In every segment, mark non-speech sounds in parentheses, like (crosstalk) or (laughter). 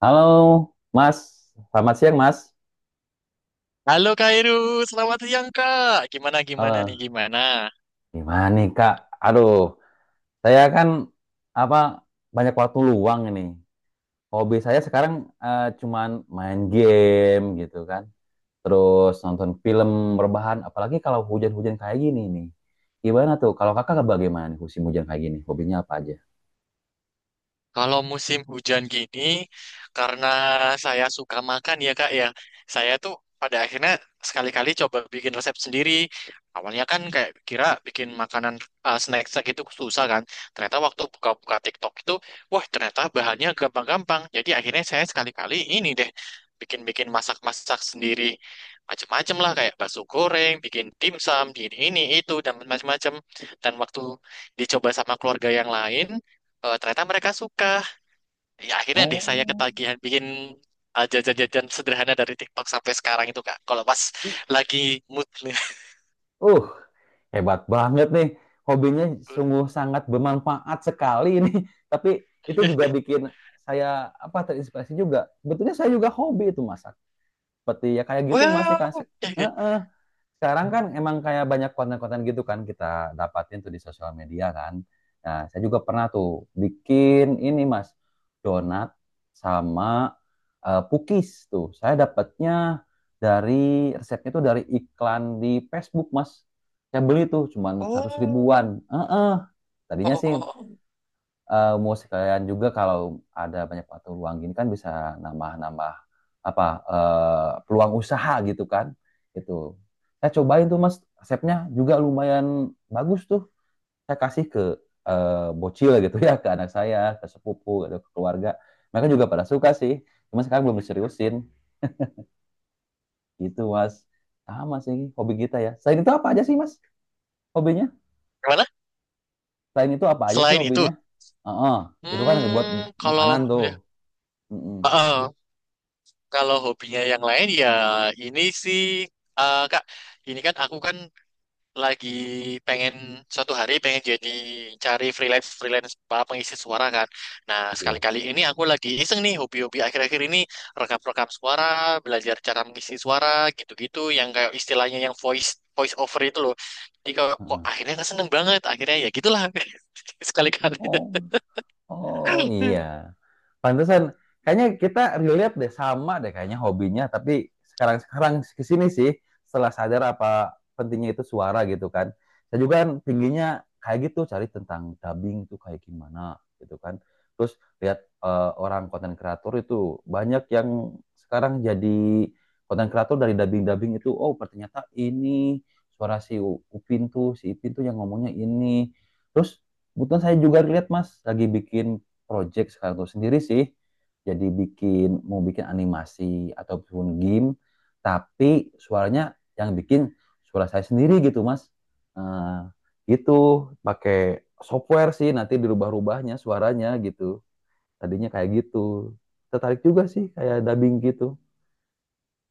Halo, Mas. Selamat siang, Mas. Halo Kak Iru, selamat siang Kak. Gimana gimana nih Eh, gimana? Gimana nih, Kak? Aduh, saya kan apa banyak waktu luang ini. Hobi saya sekarang cuman main game gitu kan. Terus nonton film rebahan, apalagi kalau hujan-hujan kayak gini nih. Gimana tuh? Kalau Kakak bagaimana nih musim hujan kayak gini? Hobinya apa aja? Kalau musim hujan gini, karena saya suka makan ya Kak ya, saya tuh pada akhirnya sekali-kali coba bikin resep sendiri. Awalnya kan kayak kira bikin makanan snack-snack itu susah kan. Ternyata waktu buka-buka TikTok itu, wah ternyata bahannya gampang-gampang. Jadi akhirnya saya sekali-kali ini deh bikin-bikin masak-masak sendiri. Macem-macem lah kayak bakso goreng, bikin dimsum, ini itu dan macem-macem. Dan waktu dicoba sama keluarga yang lain, eh, ternyata mereka suka, ya akhirnya deh saya Oh. ketagihan bikin jajan-jajan sederhana dari TikTok sampai sekarang itu kak kalau pas lagi mood nih. Uh, Hebat banget nih. Hobinya sungguh sangat bermanfaat sekali ini. (laughs) Tapi itu juga (laughs) bikin saya apa terinspirasi juga. Sebetulnya saya juga hobi itu, Mas, seperti ya kayak gitu, mas, nih kan Wow. Heeh. Sekarang kan emang kayak banyak konten-konten gitu kan. Kita dapatin tuh di sosial media kan. Nah, saya juga pernah tuh bikin ini, mas, donat sama pukis tuh. Saya dapatnya dari, resepnya tuh dari iklan di Facebook, mas. Saya beli tuh cuman 100 ribuan. Oh. Eh, eh. oh, Tadinya oh, sih oh. oh. Mau sekalian juga, kalau ada banyak waktu luang gini kan bisa nambah-nambah apa peluang usaha gitu kan. Itu saya cobain tuh, mas, resepnya juga lumayan bagus tuh. Saya kasih ke eh, bocil gitu, ya, ke anak saya, ke sepupu gitu, ke keluarga. Mereka juga pada suka sih, cuma sekarang belum diseriusin gitu, mas. Sama sih hobi kita, ya. Selain itu apa aja sih, mas, hobinya? Gimana Selain itu apa aja sih selain itu? hobinya? Heeh. Itu kan yang dibuat Hmm, kalau makanan tuh. udah. Mm-mm. Ah, ah. Kalau hobinya yang lain ya ini sih, kak, ini kan aku kan lagi pengen, suatu hari pengen jadi cari freelance freelance apa, pengisi suara kan. Nah, Iya. sekali-kali ini aku lagi iseng nih hobi-hobi akhir-akhir ini rekam-rekam suara, belajar cara mengisi suara gitu-gitu yang kayak istilahnya yang voice voice over itu loh. Jadi kok Heeh. akhirnya kan seneng banget. Akhirnya ya gitulah. (laughs) Sekali-kali. Oh, oh iya. Pantesan kayaknya kita relate deh, sama deh kayaknya hobinya. Tapi sekarang-sekarang ke sini sih setelah sadar apa pentingnya itu suara gitu kan. Saya juga kan tingginya kayak gitu cari tentang dubbing tuh kayak gimana gitu kan. Terus lihat orang konten kreator itu banyak yang sekarang jadi konten kreator dari dubbing-dubbing itu. Oh, ternyata ini suara si Upin tuh, si Ipin tuh yang ngomongnya ini. Terus kebetulan saya juga lihat Mas lagi bikin project sekarang tuh sendiri sih. Jadi mau bikin animasi ataupun game, tapi suaranya yang bikin suara saya sendiri gitu, Mas. Nah, gitu pakai software sih, nanti dirubah-rubahnya suaranya gitu. Tadinya kayak gitu. Tertarik juga sih kayak dubbing gitu.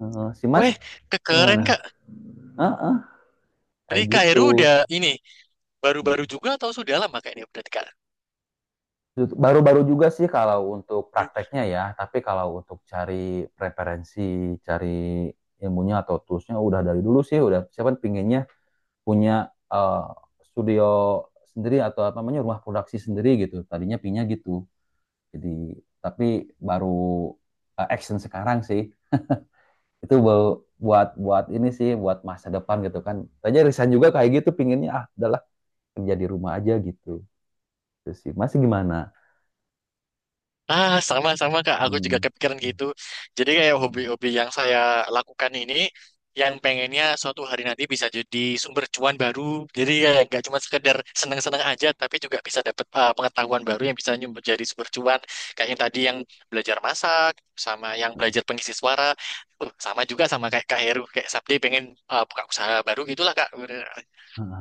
Si Mas Weh, kekeren gimana? Kak. Heeh, kayak Dari Kak gitu. udah ini baru-baru Hmm. juga atau sudah lama Kak ini berarti Kak? Baru-baru juga sih kalau untuk prakteknya ya, tapi kalau untuk cari referensi, cari ilmunya atau toolsnya udah dari dulu sih. Udah, siapa pinginnya punya eh, studio sendiri, atau apa namanya rumah produksi sendiri gitu. Tadinya pinginnya gitu. Jadi tapi baru action sekarang sih itu buat buat ini sih buat masa depan gitu kan. Tanya Risan juga kayak gitu pinginnya, ah udahlah kerja di rumah aja gitu. Terus sih masih gimana? Ah, sama-sama Kak. Aku juga Hmm. kepikiran gitu. Jadi kayak Hmm. hobi-hobi yang saya lakukan ini, yang pengennya suatu hari nanti bisa jadi sumber cuan baru. Jadi kayak nggak cuma sekedar seneng-seneng aja, tapi juga bisa dapat pengetahuan baru yang bisa nyumber jadi sumber cuan. Kayak yang tadi yang belajar masak, sama yang belajar pengisi suara. Sama juga sama kayak Kak Heru, kayak Sabdi pengen buka usaha baru gitulah Kak. Hmm.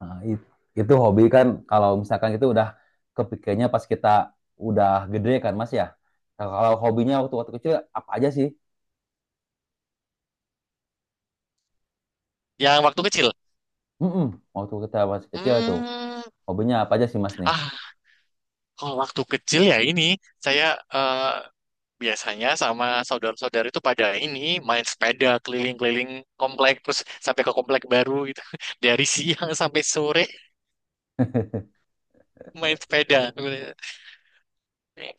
Nah, itu hobi kan kalau misalkan itu udah kepikirnya pas kita udah gede kan, Mas, ya. Nah, kalau hobinya waktu waktu kecil apa aja sih? Yang waktu kecil. Mm-mm. Waktu kita masih kecil itu Hmm, hobinya apa aja sih, Mas, nih? ah, kalau waktu kecil ya ini saya eh, biasanya sama saudara-saudara itu pada ini main sepeda keliling-keliling komplek terus sampai ke komplek baru gitu. (laughs) Dari siang sampai sore main sepeda.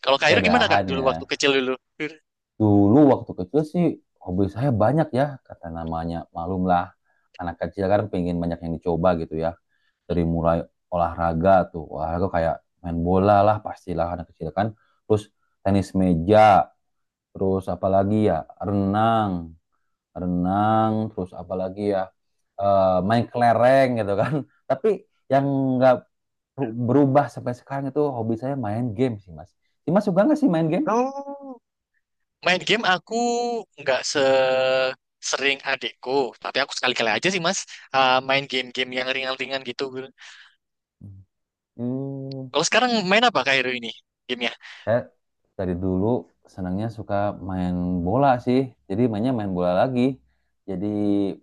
Kalau Kak Iru gimana Kak Sepedahan dulu ya. waktu kecil dulu? Dulu waktu kecil sih hobi saya banyak, ya, kata namanya malumlah, anak kecil kan pengen banyak yang dicoba gitu ya. Dari mulai olahraga tuh, olahraga kayak main bola lah, pastilah anak kecil kan. Terus tenis meja, terus apalagi ya, renang, renang, terus apalagi ya, main kelereng gitu kan. (laughs) Tapi yang nggak berubah sampai sekarang itu hobi saya main game sih, mas. Si Mas suka nggak sih main game? Oh, main game aku nggak se sering adekku, tapi aku sekali-kali aja sih Mas, main game-game yang ringan-ringan gitu. Hmm, Kalau sekarang main apa Kak Iru ini gamenya? saya dari dulu senangnya suka main bola sih. Jadi mainnya main bola lagi. Jadi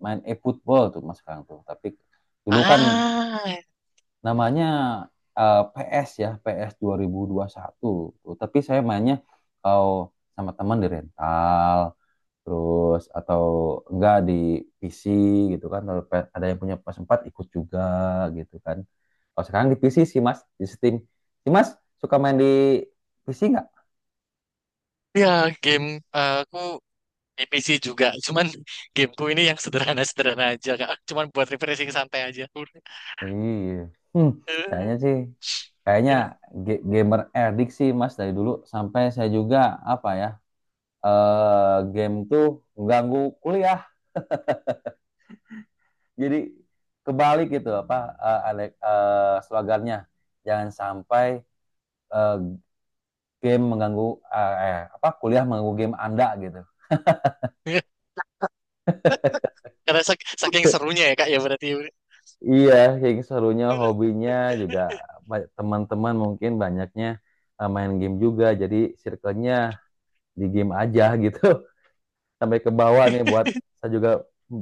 main e-football tuh, mas, sekarang tuh. Tapi dulu kan Ah, namanya PS ya, PS 2021 tuh. Tapi saya mainnya kalau sama teman di rental, terus atau enggak di PC gitu kan. Kalau ada yang punya PS4 ikut juga gitu kan. Kalau sekarang di PC sih, Mas, di Steam. Si Mas suka main di PC nggak? ya game, aku di PC juga, cuman gameku ini yang sederhana-sederhana aja, Kak. Cuman buat refreshing santai aja. (laughs) Udah. Iya. Hmm, Eh, sayanya sih kayaknya gamer addict sih, Mas, dari dulu sampai saya juga apa ya game tuh mengganggu kuliah, jadi kebalik gitu apa, slogannya jangan sampai eh, game mengganggu, apa, kuliah mengganggu game Anda gitu. eh. Karena saking serunya (laughs) ya, Kak, ya berarti. Iya, kayak gitu, serunya hobinya juga teman-teman mungkin banyaknya main game juga, jadi circle-nya di game aja gitu. (laughs) Sampai ke bawah nih buat saya juga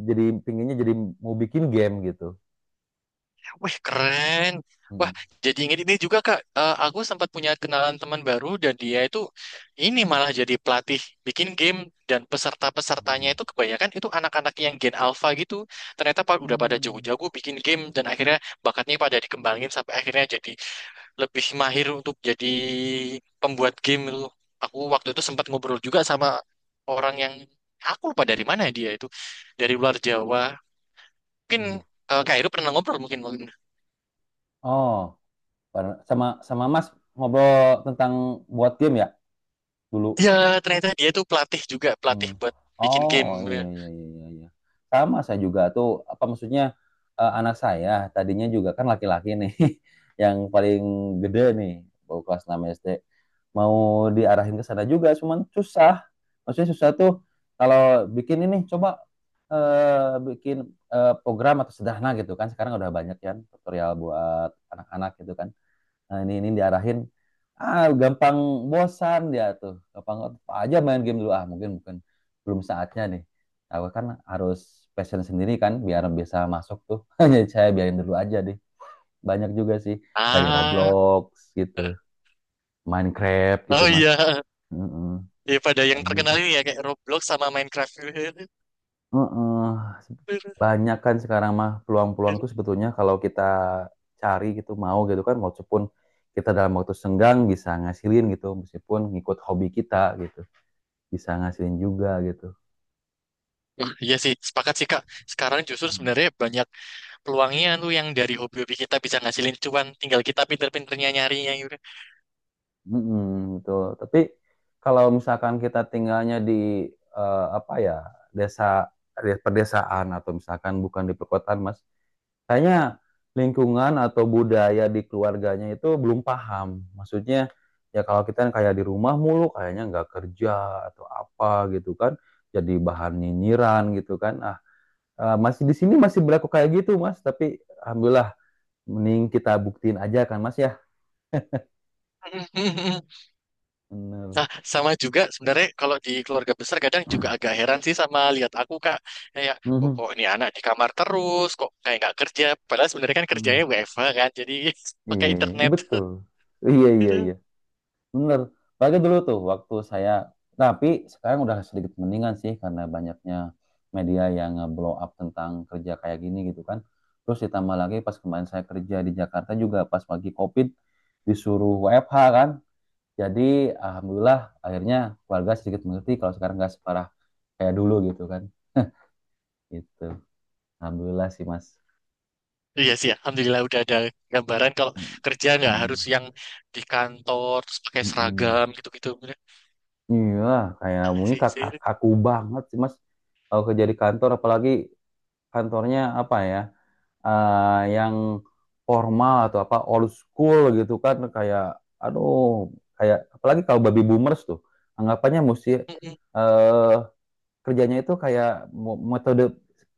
jadi pinginnya jadi mau bikin game gitu. Wih, keren. Wah, Hmm. jadi inget ini juga, Kak. Eh, aku sempat punya kenalan teman baru dan dia itu ini malah jadi pelatih bikin game dan peserta-pesertanya itu kebanyakan itu anak-anak yang gen alpha gitu. Ternyata udah pada Hmm. jago-jago bikin game dan akhirnya bakatnya pada dikembangin sampai akhirnya jadi lebih mahir untuk jadi pembuat game itu. Aku waktu itu sempat ngobrol juga sama orang yang, aku lupa dari mana dia itu, dari luar Jawa. Mungkin eh, Kak Heru pernah ngobrol mungkin mungkin. Oh, sama sama, Mas, ngobrol tentang buat game ya dulu. Ya, ternyata dia itu pelatih juga, pelatih Hmm. buat bikin game. Oh iya iya iya iya, iya. Sama saya juga tuh apa maksudnya anak saya tadinya juga kan laki-laki nih (laughs) yang paling gede nih baru kelas 6 SD, mau diarahin ke sana juga cuman susah. Maksudnya susah tuh kalau bikin ini, coba bikin program atau sederhana gitu kan, sekarang udah banyak kan tutorial buat anak-anak gitu kan. Nah, ini diarahin, ah gampang bosan dia tuh. Gampang apa aja, main game dulu, ah mungkin bukan belum saatnya nih. Aku kan harus passion sendiri kan biar bisa masuk tuh. (laughs) Jadi saya biarin dulu aja deh. Banyak juga sih dari Ah, Roblox gitu, Minecraft gitu, oh Mas. iya. Mm-mm, Ya pada yang kayak gitu. terkenal ini ya kayak Roblox sama Minecraft. Heeh. Banyak kan sekarang mah peluang-peluang tuh sebetulnya, kalau kita cari gitu mau gitu kan, walaupun kita dalam waktu senggang bisa ngasilin gitu, meskipun ngikut hobi kita gitu, bisa ngasilin juga gitu. Wah, iya sih, sepakat sih Kak. Sekarang justru Hmm. sebenarnya banyak peluangnya tuh yang dari hobi-hobi kita bisa ngasilin cuan, tinggal kita pinter-pinternya nyarinya gitu. Mm-mm, betul. Tapi kalau misalkan kita tinggalnya di, apa ya, desa, pedesaan, atau misalkan bukan di perkotaan, mas. Kayaknya lingkungan atau budaya di keluarganya itu belum paham. Maksudnya, ya kalau kita yang kayak di rumah mulu, kayaknya nggak kerja atau apa gitu kan. Jadi bahan nyinyiran gitu kan. Ah, masih di sini masih berlaku kayak gitu, Mas. Tapi alhamdulillah, mending kita buktiin aja kan, Mas ya. (laughs) Mhm, mhm, mhm. Bener. Nah, sama juga sebenarnya kalau di keluarga besar kadang juga agak heran sih sama lihat aku Kak. Kayak kok, Mhm. kok ini anak di kamar terus, kok kayak nggak kerja. Padahal sebenarnya kan kerjanya Mhm. WFH kan, jadi (laughs) Iya, pakai iya, iya, internet. (laughs) betul. Iya, iya, Gitu. iya. Bener. Apalagi dulu tuh waktu saya, nah, tapi sekarang udah sedikit mendingan sih karena banyaknya media yang nge-blow up tentang kerja kayak gini gitu kan. Terus ditambah lagi pas kemarin saya kerja di Jakarta juga pas pagi COVID disuruh WFH kan. Jadi alhamdulillah akhirnya keluarga sedikit mengerti kalau sekarang nggak separah kayak dulu gitu kan. (laughs) Gitu. Alhamdulillah sih, Mas. Iya sih, alhamdulillah udah ada gambaran kalau kerja nggak Mm-mm. harus yang di kantor terus pakai Mm-mm. seragam gitu-gitu. Iya, kayak Ah, maunya sih, kak sih. kak- kaku banget sih, Mas. Kalau kerja di kantor, apalagi kantornya apa ya, yang formal atau apa old school gitu kan, kayak aduh, kayak apalagi kalau baby boomers tuh anggapannya mesti Mhm, eh kerjanya itu kayak metode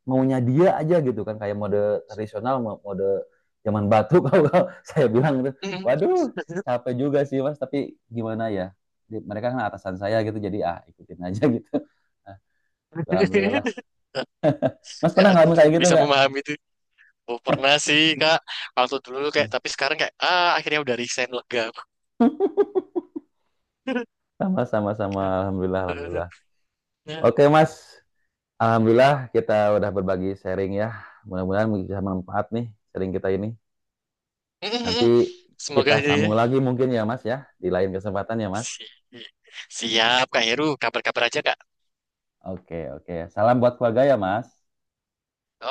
maunya dia aja gitu kan, kayak mode tradisional, mode zaman batu. (laughs) Kalau saya bilang gitu, mhm. waduh, capek juga sih, mas, tapi gimana ya, mereka kan atasan saya gitu, jadi ah ikutin aja. (laughs) Gitu. Nah, alhamdulillah, (laughs) mas, Ya, pernah aku ngalamin kayak gitu bisa nggak? memahami itu. Oh, pernah sih kak waktu dulu kayak, tapi sekarang kayak ah akhirnya udah resign lega. Sama-sama, sama. (laughs) Alhamdulillah, alhamdulillah. Ya. Oke, Mas. Alhamdulillah kita udah berbagi sharing ya. Mudah-mudahan bisa manfaat nih sharing kita ini. Nanti Mm-mm. Semoga kita aja ya. sambung lagi mungkin ya, Mas ya, di lain kesempatan ya, Mas. Si- siap kak Heru, kabar-kabar aja kak. Oke, oke. Salam buat keluarga ya, Mas.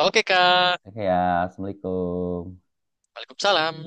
Oke kak. Oke ya, Assalamualaikum. Waalaikumsalam.